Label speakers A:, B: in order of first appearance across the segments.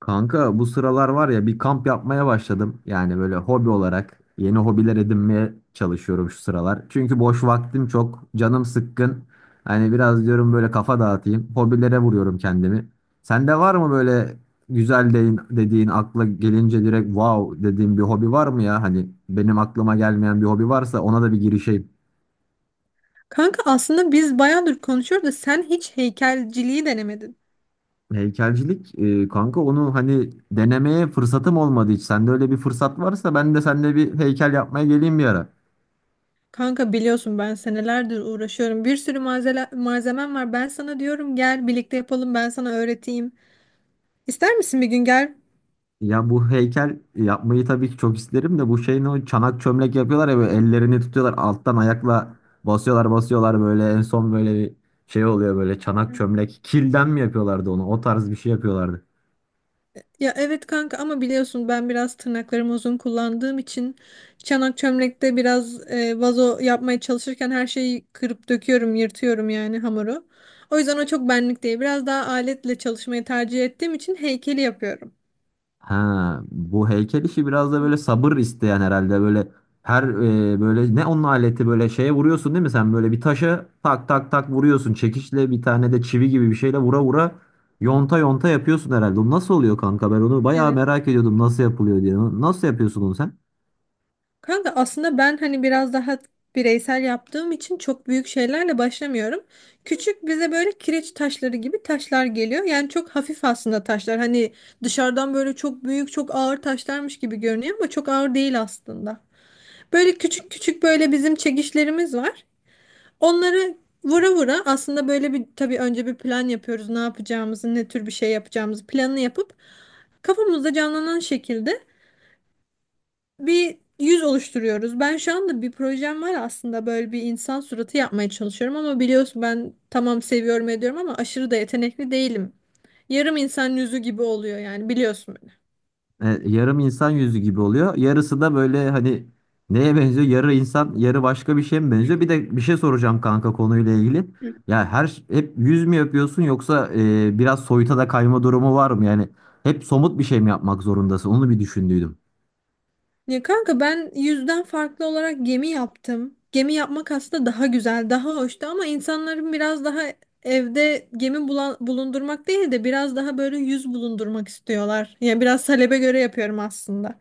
A: Kanka bu sıralar var ya bir kamp yapmaya başladım. Yani böyle hobi olarak yeni hobiler edinmeye çalışıyorum şu sıralar. Çünkü boş vaktim çok, canım sıkkın. Hani biraz diyorum böyle kafa dağıtayım. Hobilere vuruyorum kendimi. Sende var mı böyle güzel dediğin akla gelince direkt wow dediğin bir hobi var mı ya? Hani benim aklıma gelmeyen bir hobi varsa ona da bir girişeyim.
B: Kanka aslında biz bayağıdır konuşuyoruz da sen hiç heykelciliği denemedin.
A: Heykelcilik kanka onu hani denemeye fırsatım olmadı hiç. Sende öyle bir fırsat varsa ben de seninle bir heykel yapmaya geleyim bir ara.
B: Kanka biliyorsun ben senelerdir uğraşıyorum. Bir sürü malzemem var. Ben sana diyorum gel birlikte yapalım ben sana öğreteyim. İster misin bir gün gel?
A: Ya bu heykel yapmayı tabii ki çok isterim de bu şeyin o çanak çömlek yapıyorlar ya böyle ellerini tutuyorlar alttan ayakla basıyorlar basıyorlar böyle en son böyle bir şey oluyor böyle çanak çömlek kilden mi yapıyorlardı onu o tarz bir şey yapıyorlardı.
B: Ya evet kanka ama biliyorsun ben biraz tırnaklarımı uzun kullandığım için çanak çömlekte biraz vazo yapmaya çalışırken her şeyi kırıp döküyorum, yırtıyorum yani hamuru. O yüzden o çok benlik değil. Biraz daha aletle çalışmayı tercih ettiğim için heykeli yapıyorum.
A: Ha, bu heykel işi biraz da böyle sabır isteyen herhalde böyle böyle ne onun aleti böyle şeye vuruyorsun değil mi sen böyle bir taşa tak tak tak vuruyorsun çekiçle bir tane de çivi gibi bir şeyle vura vura yonta yonta yapıyorsun herhalde. O nasıl oluyor kanka ben onu bayağı
B: Evet.
A: merak ediyordum nasıl yapılıyor diye. Nasıl yapıyorsun onu sen?
B: Kanka aslında ben hani biraz daha bireysel yaptığım için çok büyük şeylerle başlamıyorum. Küçük bize böyle kireç taşları gibi taşlar geliyor. Yani çok hafif aslında taşlar. Hani dışarıdan böyle çok büyük, çok ağır taşlarmış gibi görünüyor ama çok ağır değil aslında. Böyle küçük küçük böyle bizim çekişlerimiz var. Onları vura vura aslında böyle bir tabii önce bir plan yapıyoruz. Ne yapacağımızı, ne tür bir şey yapacağımızı planını yapıp kafamızda canlanan şekilde bir yüz oluşturuyoruz. Ben şu anda bir projem var aslında böyle bir insan suratı yapmaya çalışıyorum ama biliyorsun ben tamam seviyorum ediyorum ama aşırı da yetenekli değilim. Yarım insan yüzü gibi oluyor yani biliyorsun beni.
A: Yarım insan yüzü gibi oluyor. Yarısı da böyle hani neye benziyor? Yarı insan, yarı başka bir şeye mi benziyor? Bir de bir şey soracağım kanka konuyla ilgili. Ya hep yüz mü yapıyorsun yoksa biraz soyuta da kayma durumu var mı? Yani hep somut bir şey mi yapmak zorundasın? Onu bir düşündüydüm.
B: Ya kanka ben yüzden farklı olarak gemi yaptım. Gemi yapmak aslında daha güzel, daha hoştu ama insanların biraz daha evde bulundurmak değil de biraz daha böyle yüz bulundurmak istiyorlar. Yani biraz talebe göre yapıyorum aslında.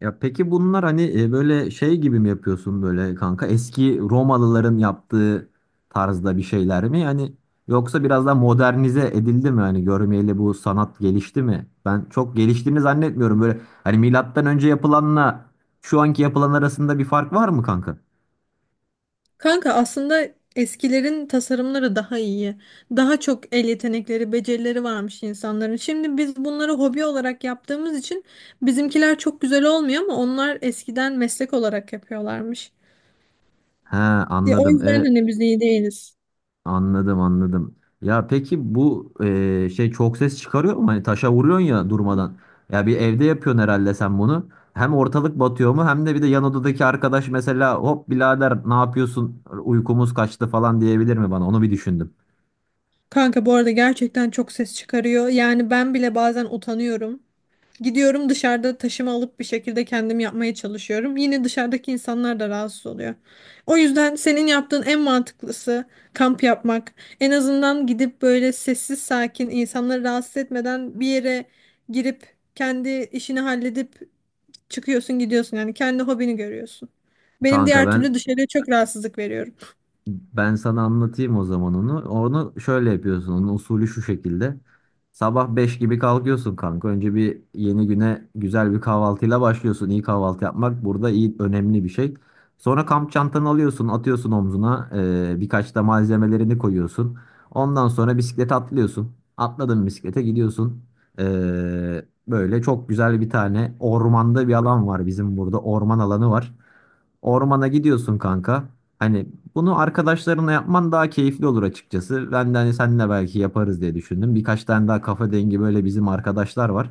A: Ya peki bunlar hani böyle şey gibi mi yapıyorsun böyle kanka? Eski Romalıların yaptığı tarzda bir şeyler mi? Yani yoksa biraz daha modernize edildi mi? Hani görmeyeli bu sanat gelişti mi? Ben çok geliştiğini zannetmiyorum. Böyle hani milattan önce yapılanla şu anki yapılan arasında bir fark var mı kanka?
B: Kanka aslında eskilerin tasarımları daha iyi. Daha çok el yetenekleri, becerileri varmış insanların. Şimdi biz bunları hobi olarak yaptığımız için bizimkiler çok güzel olmuyor ama onlar eskiden meslek olarak yapıyorlarmış.
A: He
B: Ya, o
A: anladım.
B: yüzden hani biz iyi değiliz.
A: Anladım anladım. Ya peki bu şey çok ses çıkarıyor mu? Hani taşa vuruyorsun ya durmadan. Ya bir evde yapıyorsun herhalde sen bunu. Hem ortalık batıyor mu hem de bir de yan odadaki arkadaş mesela hop birader ne yapıyorsun uykumuz kaçtı falan diyebilir mi bana? Onu bir düşündüm.
B: Kanka bu arada gerçekten çok ses çıkarıyor. Yani ben bile bazen utanıyorum. Gidiyorum dışarıda taşıma alıp bir şekilde kendim yapmaya çalışıyorum. Yine dışarıdaki insanlar da rahatsız oluyor. O yüzden senin yaptığın en mantıklısı kamp yapmak. En azından gidip böyle sessiz sakin insanları rahatsız etmeden bir yere girip kendi işini halledip çıkıyorsun gidiyorsun. Yani kendi hobini görüyorsun. Benim
A: Kanka
B: diğer türlü
A: ben
B: dışarıya çok rahatsızlık veriyorum.
A: Ben sana anlatayım o zaman onu. Onu şöyle yapıyorsun. Onun usulü şu şekilde. Sabah 5 gibi kalkıyorsun kanka. Önce bir yeni güne güzel bir kahvaltıyla başlıyorsun. İyi kahvaltı yapmak burada iyi önemli bir şey. Sonra kamp çantanı alıyorsun, atıyorsun omzuna. Birkaç da malzemelerini koyuyorsun. Ondan sonra bisiklete atlıyorsun. Atladın bisiklete gidiyorsun. Ee, Böyle çok güzel bir tane ormanda bir alan var bizim burada. Orman alanı var. Ormana gidiyorsun kanka. Hani bunu arkadaşlarına yapman daha keyifli olur açıkçası. Ben de hani seninle belki yaparız diye düşündüm. Birkaç tane daha kafa dengi böyle bizim arkadaşlar var.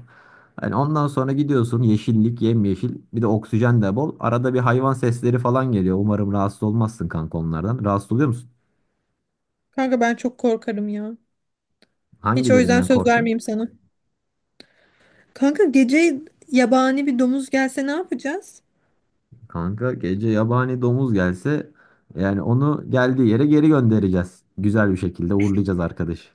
A: Hani ondan sonra gidiyorsun yeşillik, yemyeşil, bir de oksijen de bol. Arada bir hayvan sesleri falan geliyor. Umarım rahatsız olmazsın kanka onlardan. Rahatsız oluyor musun?
B: Kanka ben çok korkarım ya. Hiç o yüzden
A: Hangilerinden
B: söz
A: korkuyorsun?
B: vermeyeyim sana. Kanka gece yabani bir domuz gelse ne yapacağız?
A: Kanka gece yabani domuz gelse yani onu geldiği yere geri göndereceğiz. Güzel bir şekilde uğurlayacağız arkadaşı.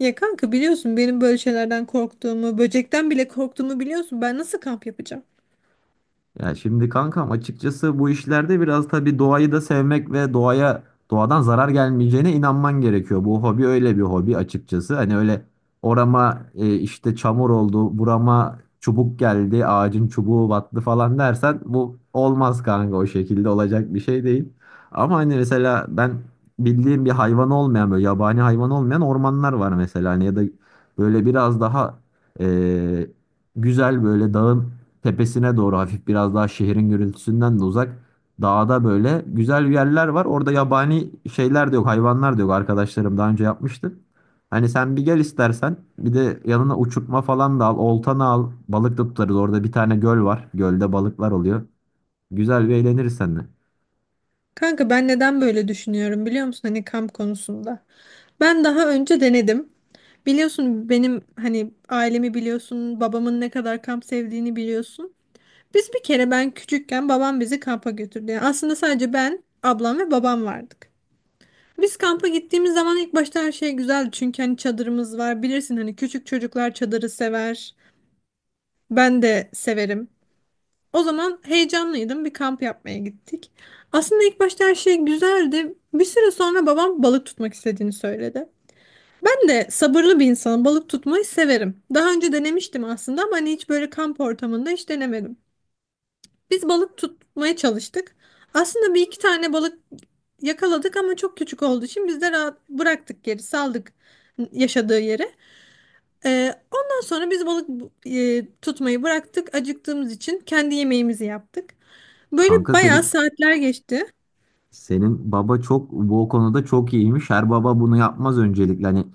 B: Ya kanka biliyorsun benim böyle şeylerden korktuğumu, böcekten bile korktuğumu biliyorsun. Ben nasıl kamp yapacağım?
A: Ya şimdi kankam açıkçası bu işlerde biraz tabii doğayı da sevmek ve doğadan zarar gelmeyeceğine inanman gerekiyor. Bu hobi öyle bir hobi açıkçası. Hani öyle orama işte çamur oldu, burama çubuk geldi, ağacın çubuğu battı falan dersen bu olmaz kanka o şekilde olacak bir şey değil. Ama hani mesela ben bildiğim bir hayvan olmayan böyle yabani hayvan olmayan ormanlar var mesela hani ya da böyle biraz daha e, güzel böyle dağın tepesine doğru hafif biraz daha şehrin gürültüsünden de uzak dağda böyle güzel yerler var. Orada yabani şeyler de yok, hayvanlar da yok. Arkadaşlarım daha önce yapmıştı. Hani sen bir gel istersen. Bir de yanına uçurtma falan da al, oltanı al. Balık da tutarız. Orada bir tane göl var. Gölde balıklar oluyor. Güzel bir eğleniriz seninle.
B: Kanka ben neden böyle düşünüyorum biliyor musun? Hani kamp konusunda. Ben daha önce denedim. Biliyorsun benim hani ailemi biliyorsun, babamın ne kadar kamp sevdiğini biliyorsun. Biz bir kere ben küçükken babam bizi kampa götürdü. Yani aslında sadece ben, ablam ve babam vardık. Biz kampa gittiğimiz zaman ilk başta her şey güzeldi. Çünkü hani çadırımız var. Bilirsin hani küçük çocuklar çadırı sever. Ben de severim. O zaman heyecanlıydım. Bir kamp yapmaya gittik. Aslında ilk başta her şey güzeldi. Bir süre sonra babam balık tutmak istediğini söyledi. Ben de sabırlı bir insanım. Balık tutmayı severim. Daha önce denemiştim aslında ama hani hiç böyle kamp ortamında hiç denemedim. Biz balık tutmaya çalıştık. Aslında bir iki tane balık yakaladık ama çok küçük olduğu için biz de rahat bıraktık geri, saldık yaşadığı yere. Ondan sonra biz tutmayı bıraktık. Acıktığımız için kendi yemeğimizi yaptık. Böyle
A: Kanka
B: bayağı
A: senin
B: saatler geçti.
A: Senin baba çok bu konuda çok iyiymiş. Her baba bunu yapmaz öncelikle. Hani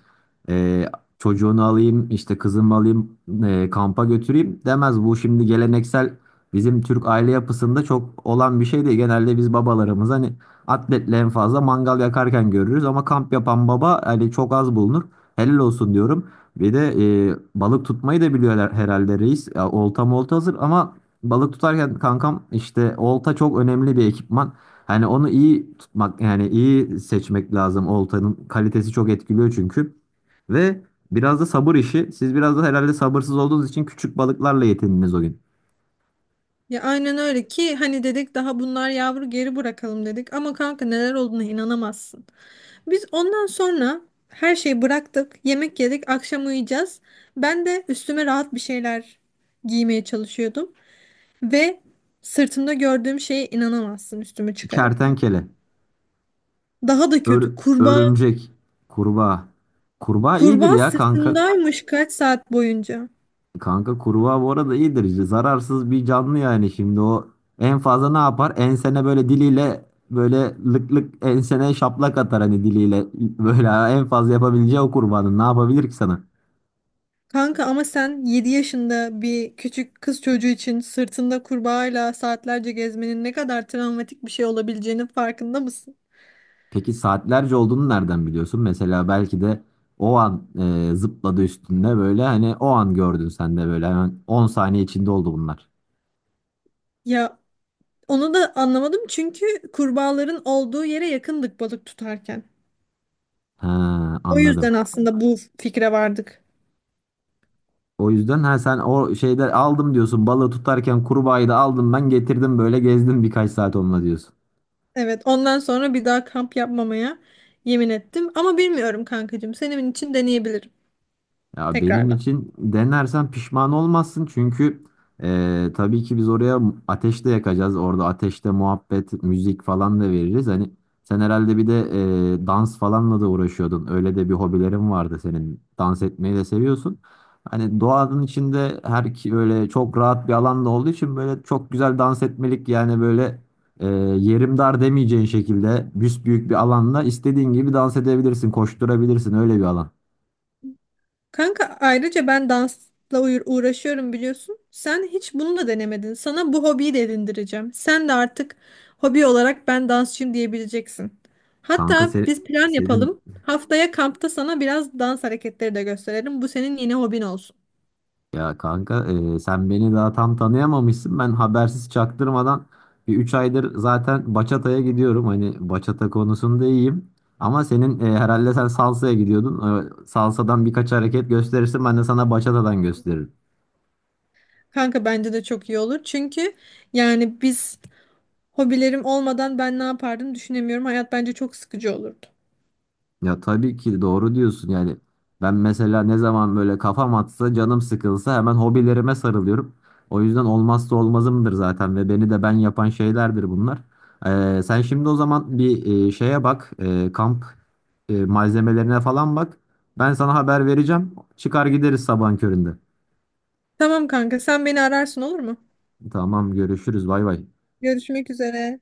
A: e, çocuğunu alayım, işte kızımı alayım, kampa götüreyim demez. Bu şimdi geleneksel bizim Türk aile yapısında çok olan bir şey değil. Genelde biz babalarımız hani atletle en fazla mangal yakarken görürüz ama kamp yapan baba hani çok az bulunur. Helal olsun diyorum. Bir de balık tutmayı da biliyorlar herhalde reis. Ya, olta molta hazır ama balık tutarken kankam işte olta çok önemli bir ekipman. Hani onu iyi tutmak yani iyi seçmek lazım. Oltanın kalitesi çok etkiliyor çünkü. Ve biraz da sabır işi. Siz biraz da herhalde sabırsız olduğunuz için küçük balıklarla yetindiniz o gün.
B: Ya aynen öyle ki hani dedik daha bunlar yavru geri bırakalım dedik. Ama kanka neler olduğuna inanamazsın. Biz ondan sonra her şeyi bıraktık. Yemek yedik. Akşam uyuyacağız. Ben de üstüme rahat bir şeyler giymeye çalışıyordum. Ve sırtımda gördüğüm şeye inanamazsın üstümü çıkarırken.
A: Kertenkele,
B: Daha da
A: ör-
B: kötü, kurbağa.
A: örümcek, kurbağa. Kurbağa iyidir
B: Kurbağa
A: ya kanka.
B: sırtındaymış kaç saat boyunca.
A: Kanka kurbağa bu arada iyidir. Zararsız bir canlı yani şimdi o en fazla ne yapar? Ensene böyle diliyle böyle lık lık ensene şaplak atar hani diliyle. Böyle en fazla yapabileceği o kurbağanın ne yapabilir ki sana?
B: Kanka ama sen 7 yaşında bir küçük kız çocuğu için sırtında kurbağayla saatlerce gezmenin ne kadar travmatik bir şey olabileceğinin farkında mısın?
A: Peki saatlerce olduğunu nereden biliyorsun? Mesela belki de o an zıpladı üstünde böyle hani o an gördün sen de böyle hemen 10 saniye içinde oldu bunlar.
B: Ya onu da anlamadım çünkü kurbağaların olduğu yere yakındık balık tutarken.
A: He
B: O yüzden
A: anladım.
B: aslında bu fikre vardık.
A: O yüzden ha sen o şeyde aldım diyorsun balığı tutarken kurbağayı da aldım ben getirdim böyle gezdim birkaç saat onunla diyorsun.
B: Evet, ondan sonra bir daha kamp yapmamaya yemin ettim. Ama bilmiyorum kankacığım. Senin için deneyebilirim
A: Ya benim
B: tekrardan.
A: için denersen pişman olmazsın çünkü tabii ki biz oraya ateş de yakacağız. Orada ateşte muhabbet, müzik falan da veririz. Hani sen herhalde bir de dans falanla da uğraşıyordun. Öyle de bir hobilerin vardı senin. Dans etmeyi de seviyorsun. Hani doğanın içinde her ki böyle çok rahat bir alanda olduğu için böyle çok güzel dans etmelik yani böyle e, yerim dar demeyeceğin şekilde büsbüyük bir alanda istediğin gibi dans edebilirsin, koşturabilirsin öyle bir alan.
B: Kanka ayrıca ben dansla uğraşıyorum biliyorsun. Sen hiç bunu da denemedin. Sana bu hobiyi de edindireceğim. Sen de artık hobi olarak ben dansçıyım diyebileceksin.
A: Kanka
B: Hatta biz plan
A: senin
B: yapalım. Haftaya kampta sana biraz dans hareketleri de gösterelim. Bu senin yeni hobin olsun.
A: ya kanka, sen beni daha tam tanıyamamışsın. Ben habersiz çaktırmadan bir 3 aydır zaten bachata'ya gidiyorum. Hani bachata konusunda iyiyim. Ama senin herhalde sen salsa'ya gidiyordun. Salsa'dan birkaç hareket gösterirsin ben de sana bachata'dan gösteririm.
B: Kanka bence de çok iyi olur. Çünkü yani biz hobilerim olmadan ben ne yapardım düşünemiyorum. Hayat bence çok sıkıcı olurdu.
A: Ya tabii ki doğru diyorsun yani. Ben mesela ne zaman böyle kafam atsa, canım sıkılsa hemen hobilerime sarılıyorum. O yüzden olmazsa olmazımdır zaten ve beni de ben yapan şeylerdir bunlar. Sen şimdi o zaman bir şeye bak, kamp malzemelerine falan bak. Ben sana haber vereceğim. Çıkar gideriz sabahın köründe.
B: Tamam kanka, sen beni ararsın olur mu?
A: Tamam, görüşürüz. Bay bay.
B: Görüşmek üzere.